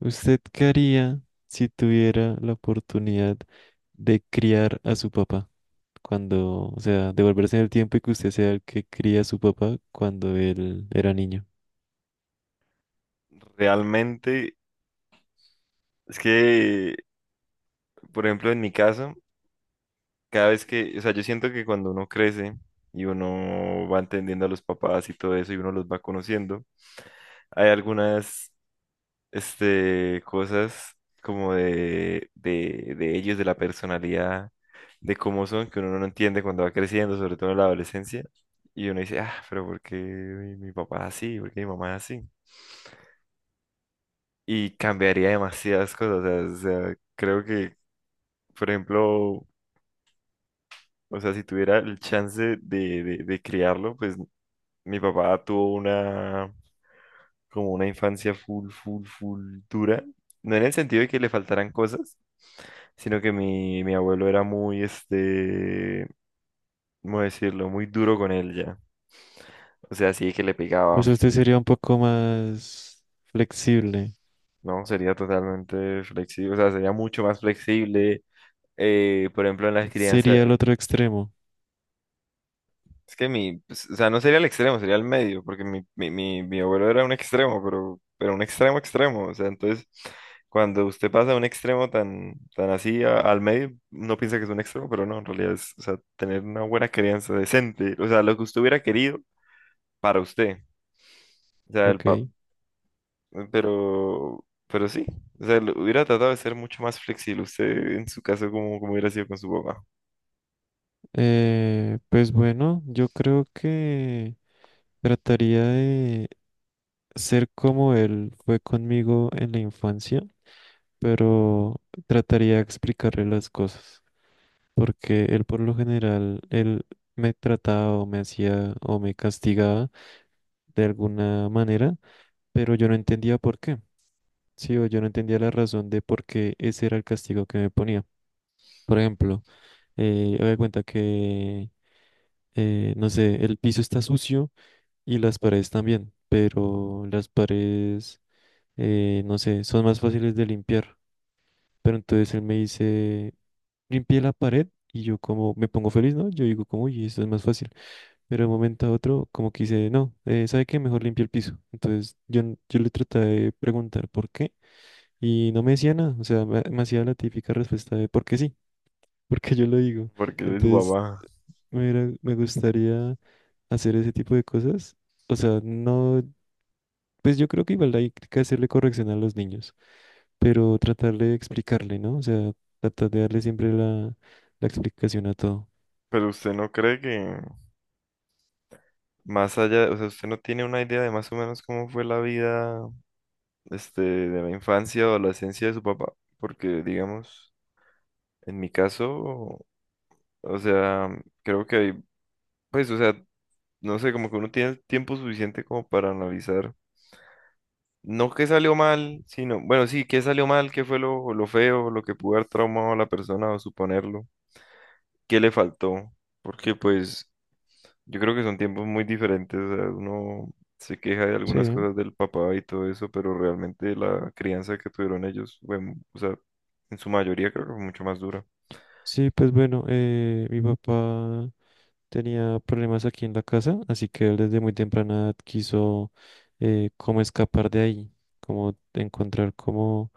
¿Usted qué haría si tuviera la oportunidad de criar a su papá cuando, devolverse en el tiempo y que usted sea el que cría a su papá cuando él era niño? Realmente, es que, por ejemplo, en mi caso, cada vez que, o sea, yo siento que cuando uno crece y uno va entendiendo a los papás y todo eso y uno los va conociendo, hay algunas cosas como de ellos, de la personalidad, de cómo son, que uno no entiende cuando va creciendo, sobre todo en la adolescencia, y uno dice, ah, pero ¿por qué mi papá es así? ¿Por qué mi mamá es así? Y cambiaría demasiadas cosas, o sea, creo que. Por ejemplo, o sea, si tuviera el chance de criarlo, pues mi papá tuvo una, como una infancia full, full, full dura. No en el sentido de que le faltaran cosas, sino que mi abuelo era muy, ¿cómo decirlo? Muy duro con él ya. O sea, sí que le O pegaba, sea, usted sería un poco más flexible. ¿no? Sería totalmente flexible, o sea, sería mucho más flexible. Por ejemplo, en las crianzas. Sería el otro extremo, Es que mi, pues, o sea, no sería el extremo, sería el medio, porque mi abuelo era un extremo, pero un extremo extremo. O sea, entonces, cuando usted pasa de un extremo tan así al medio, no piensa que es un extremo, pero no, en realidad es, o sea, tener una buena crianza decente, o sea, lo que usted hubiera querido para usted. O sea, ¿ok? pero sí, o sea, hubiera tratado de ser mucho más flexible usted en su caso como hubiera sido con su papá, Pues bueno, yo creo que trataría de ser como él fue conmigo en la infancia, pero trataría de explicarle las cosas, porque él por lo general, él me trataba o me hacía o me castigaba de alguna manera, pero yo no entendía por qué. Sí, o yo no entendía la razón de por qué ese era el castigo que me ponía. Por ejemplo, me cuenta que, no sé, el piso está sucio y las paredes también, pero las paredes, no sé, son más fáciles de limpiar. Pero entonces él me dice, limpié la pared y yo como me pongo feliz, ¿no? Yo digo como, uy, esto es más fácil. Pero de un momento a otro como que dice, no, ¿sabe qué? Mejor limpia el piso. Entonces yo, yo le traté de preguntar por qué y no me decía nada. O sea, me hacía la típica respuesta de porque sí, porque yo lo digo. porque es su Entonces papá. Me gustaría hacer ese tipo de cosas. O sea, no, pues yo creo que igual hay que hacerle corrección a los niños, pero tratar de explicarle, ¿no? O sea, tratar de darle siempre la, la explicación a todo. Pero usted no cree que. Más allá, o sea, usted no tiene una idea de más o menos cómo fue la vida, de la infancia o adolescencia de su papá, porque digamos, en mi caso, o sea, creo que hay, pues, o sea, no sé, como que uno tiene el tiempo suficiente como para analizar, no qué salió mal, sino, bueno, sí, qué salió mal, qué fue lo feo, lo que pudo haber traumado a la persona o suponerlo, qué le faltó, porque pues, yo creo que son tiempos muy diferentes. O sea, uno se queja de algunas Sí, cosas del papá y todo eso, pero realmente la crianza que tuvieron ellos, bueno, o sea, en su mayoría creo que fue mucho más dura. sí, pues bueno, mi papá tenía problemas aquí en la casa, así que él desde muy temprana edad quiso como escapar de ahí, como encontrar como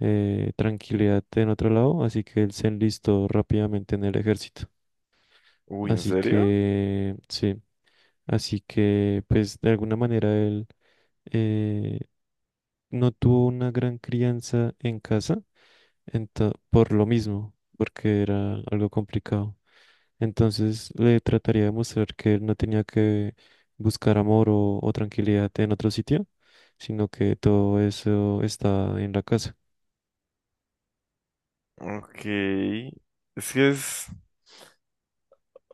tranquilidad en otro lado, así que él se enlistó rápidamente en el ejército. Uy, ¿en Así serio? que, sí, así que, pues de alguna manera él eh, no tuvo una gran crianza en casa, por lo mismo, porque era algo complicado. Entonces le trataría de mostrar que él no tenía que buscar amor o tranquilidad en otro sitio, sino que todo eso está en la casa. Ok. Es que es,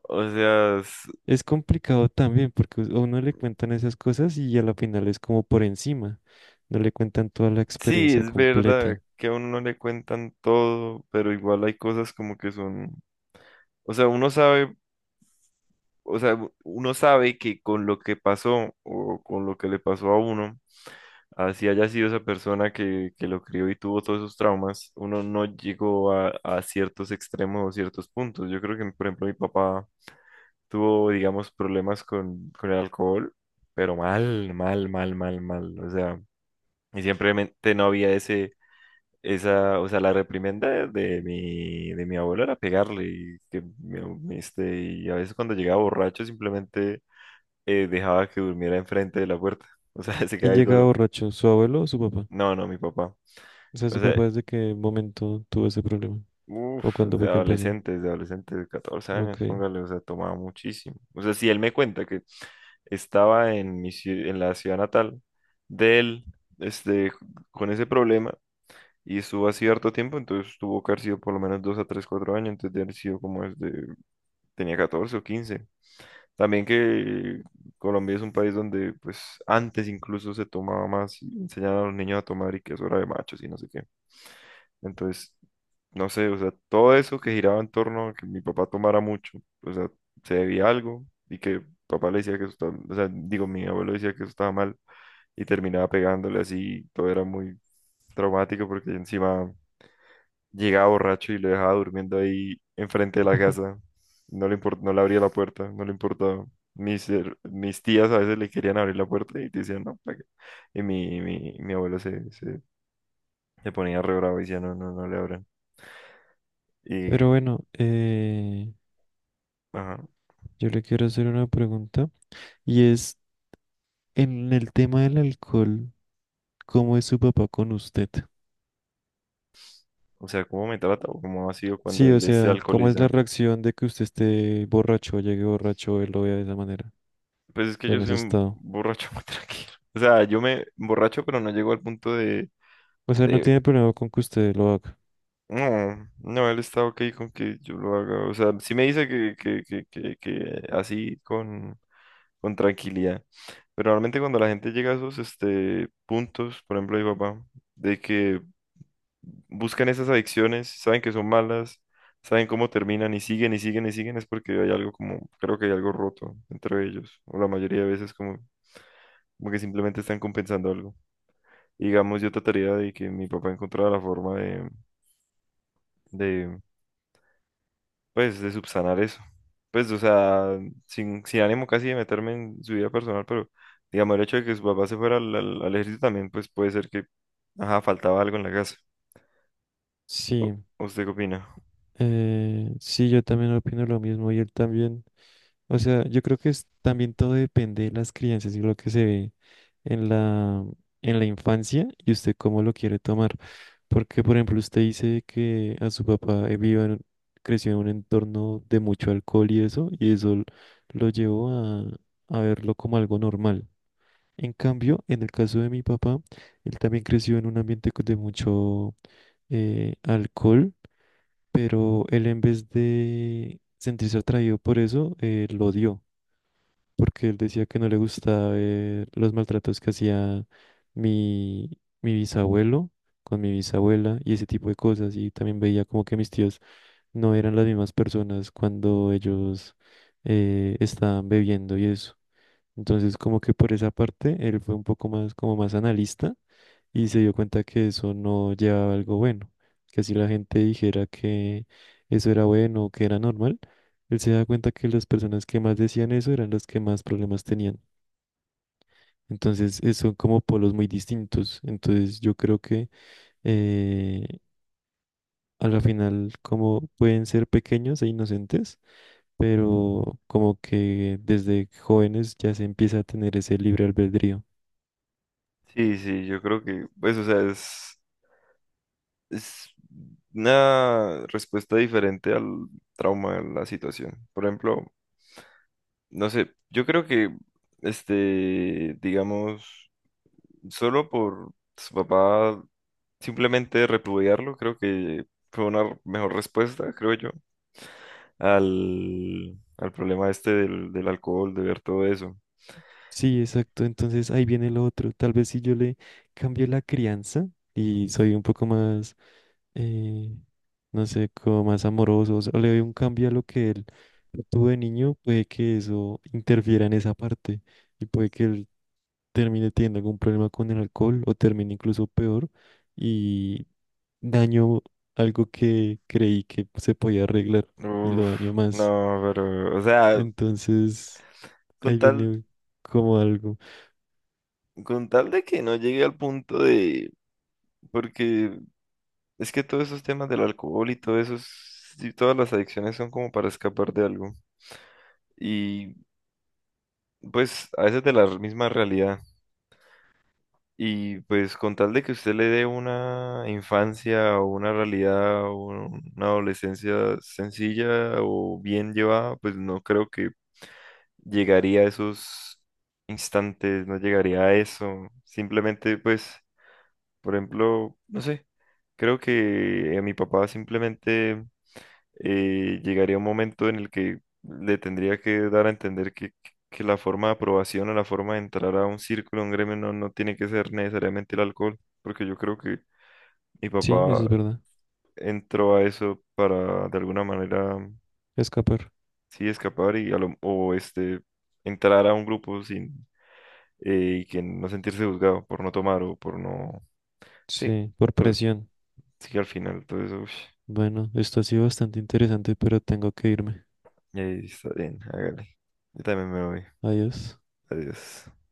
o sea, Es complicado también porque a uno le cuentan esas cosas y a la final es como por encima. No le cuentan toda la sí, experiencia es verdad completa. que a uno no le cuentan todo, pero igual hay cosas como que son, o sea, uno sabe, o sea, uno sabe que con lo que pasó o con lo que le pasó a uno. Así haya sido esa persona que lo crió y tuvo todos esos traumas, uno no llegó a ciertos extremos o ciertos puntos. Yo creo que, por ejemplo, mi papá tuvo, digamos, problemas con el alcohol, pero mal, mal, mal, mal, mal. O sea, y simplemente no había ese, esa, o sea, la reprimenda de mi abuelo era pegarle y que, y a veces cuando llegaba borracho simplemente dejaba que durmiera enfrente de la puerta. O sea, se ¿Quién quedaba ahí llega duro. borracho? ¿Su abuelo o su papá? No, no, mi papá. O sea, O ¿su sea, papá desde qué momento tuvo ese problema? ¿O uf, cuándo de fue que empezó? adolescentes, de adolescentes de 14 años, Ok. póngale, o sea, tomaba muchísimo. O sea, si él me cuenta que estaba en en la ciudad natal de él, este, con ese problema, y estuvo así harto tiempo, entonces tuvo que haber sido por lo menos 2 a 3, 4 años, entonces de haber sido como desde, tenía 14 o 15. También que Colombia es un país donde, pues, antes incluso se tomaba más y enseñaban a los niños a tomar y que eso era de machos y no sé qué. Entonces, no sé, o sea, todo eso que giraba en torno a que mi papá tomara mucho, o sea, se debía a algo y que papá le decía que eso estaba, o sea, digo, mi abuelo decía que eso estaba mal y terminaba pegándole así, todo era muy traumático porque encima llegaba borracho y lo dejaba durmiendo ahí enfrente de la casa, no le abría la puerta, no le importaba. Mis tías a veces le querían abrir la puerta y te decían, "No, ¿para qué?". Y mi abuelo se ponía re bravo y decía, no, no, no le abran. Y Pero bueno, Ajá. yo le quiero hacer una pregunta y es en el tema del alcohol, ¿cómo es su papá con usted? O sea, ¿cómo me trata o cómo ha sido cuando Sí, o él se sea, ¿cómo es la alcoholiza? reacción de que usted esté borracho o llegue borracho, él lo vea de esa manera, Pues es que yo en soy ese un estado? borracho muy tranquilo. O sea, yo me borracho, pero no llego al punto de, O sea, no de. tiene problema con que usted lo haga. No, no, él está ok con que yo lo haga. O sea, sí me dice que, así con tranquilidad. Pero realmente cuando la gente llega a esos puntos, por ejemplo, mi papá, de que buscan esas adicciones, saben que son malas, saben cómo terminan y siguen y siguen y siguen, es porque hay algo como, creo que hay algo roto entre ellos, o la mayoría de veces como, como que simplemente están compensando algo. Digamos, yo trataría de que mi papá encontrara la forma de, pues, de subsanar eso. Pues, o sea, sin ánimo casi de meterme en su vida personal, pero digamos, el hecho de que su papá se fuera al ejército también, pues puede ser que, ajá, faltaba algo en la casa. Sí, ¿Usted qué opina? Sí, yo también opino lo mismo y él también. O sea, yo creo que es, también todo depende de las crianzas y lo que se ve en la, en la infancia y usted cómo lo quiere tomar. Porque, por ejemplo, usted dice que a su papá creció en un entorno de mucho alcohol y eso, y lo llevó a verlo como algo normal. En cambio, en el caso de mi papá, él también creció en un ambiente de mucho alcohol, pero él en vez de sentirse atraído por eso, lo odió, porque él decía que no le gustaba ver los maltratos que hacía mi, mi bisabuelo con mi bisabuela y ese tipo de cosas. Y también veía como que mis tíos no eran las mismas personas cuando ellos estaban bebiendo y eso. Entonces, como que por esa parte, él fue un poco más, como más analista y se dio cuenta que eso no llevaba a algo bueno. Que si la gente dijera que eso era bueno o que era normal, él se da cuenta que las personas que más decían eso eran las que más problemas tenían. Entonces, son como polos muy distintos. Entonces, yo creo que eh, a la final, como pueden ser pequeños e inocentes, pero como que desde jóvenes ya se empieza a tener ese libre albedrío. Sí, sí, yo creo que, pues, o sea, es una respuesta diferente al trauma, a la situación. Por ejemplo, no sé, yo creo que digamos, solo por su papá simplemente repudiarlo, creo que fue una mejor respuesta, creo yo, al problema este del alcohol, de ver todo eso. Sí, exacto. Entonces ahí viene lo otro. Tal vez si yo le cambio la crianza y soy un poco más, eh, no sé, como más amoroso, o sea, le doy un cambio a lo que él tuvo de niño, puede que eso interfiera en esa parte y puede que él termine teniendo algún problema con el alcohol o termine incluso peor y daño algo que creí que se podía arreglar y lo Uf, daño no, más. pero, o sea, Entonces con ahí tal, viene como algo. con tal de que no llegue al punto de, porque. Es que todos esos temas del alcohol y todo eso, y todas las adicciones son como para escapar de algo. Y pues a veces de la misma realidad. Y pues con tal de que usted le dé una infancia o una realidad o una adolescencia sencilla o bien llevada, pues no creo que llegaría a esos instantes, no llegaría a eso. Simplemente pues, por ejemplo, no sé, creo que a mi papá simplemente llegaría un momento en el que le tendría que dar a entender que la forma de aprobación o la forma de entrar a un círculo, a un gremio, no, no tiene que ser necesariamente el alcohol, porque yo creo que mi Sí, papá eso es verdad. entró a eso para de alguna manera, Escapar. sí, escapar y a lo- o este, entrar a un grupo sin y que no sentirse juzgado por no tomar o por no, sí, Sí, por to- presión. sí, al final todo eso, ush, Bueno, esto ha sido bastante interesante, pero tengo que irme. Está bien, hágale. Yo también me voy. Adiós. Adiós.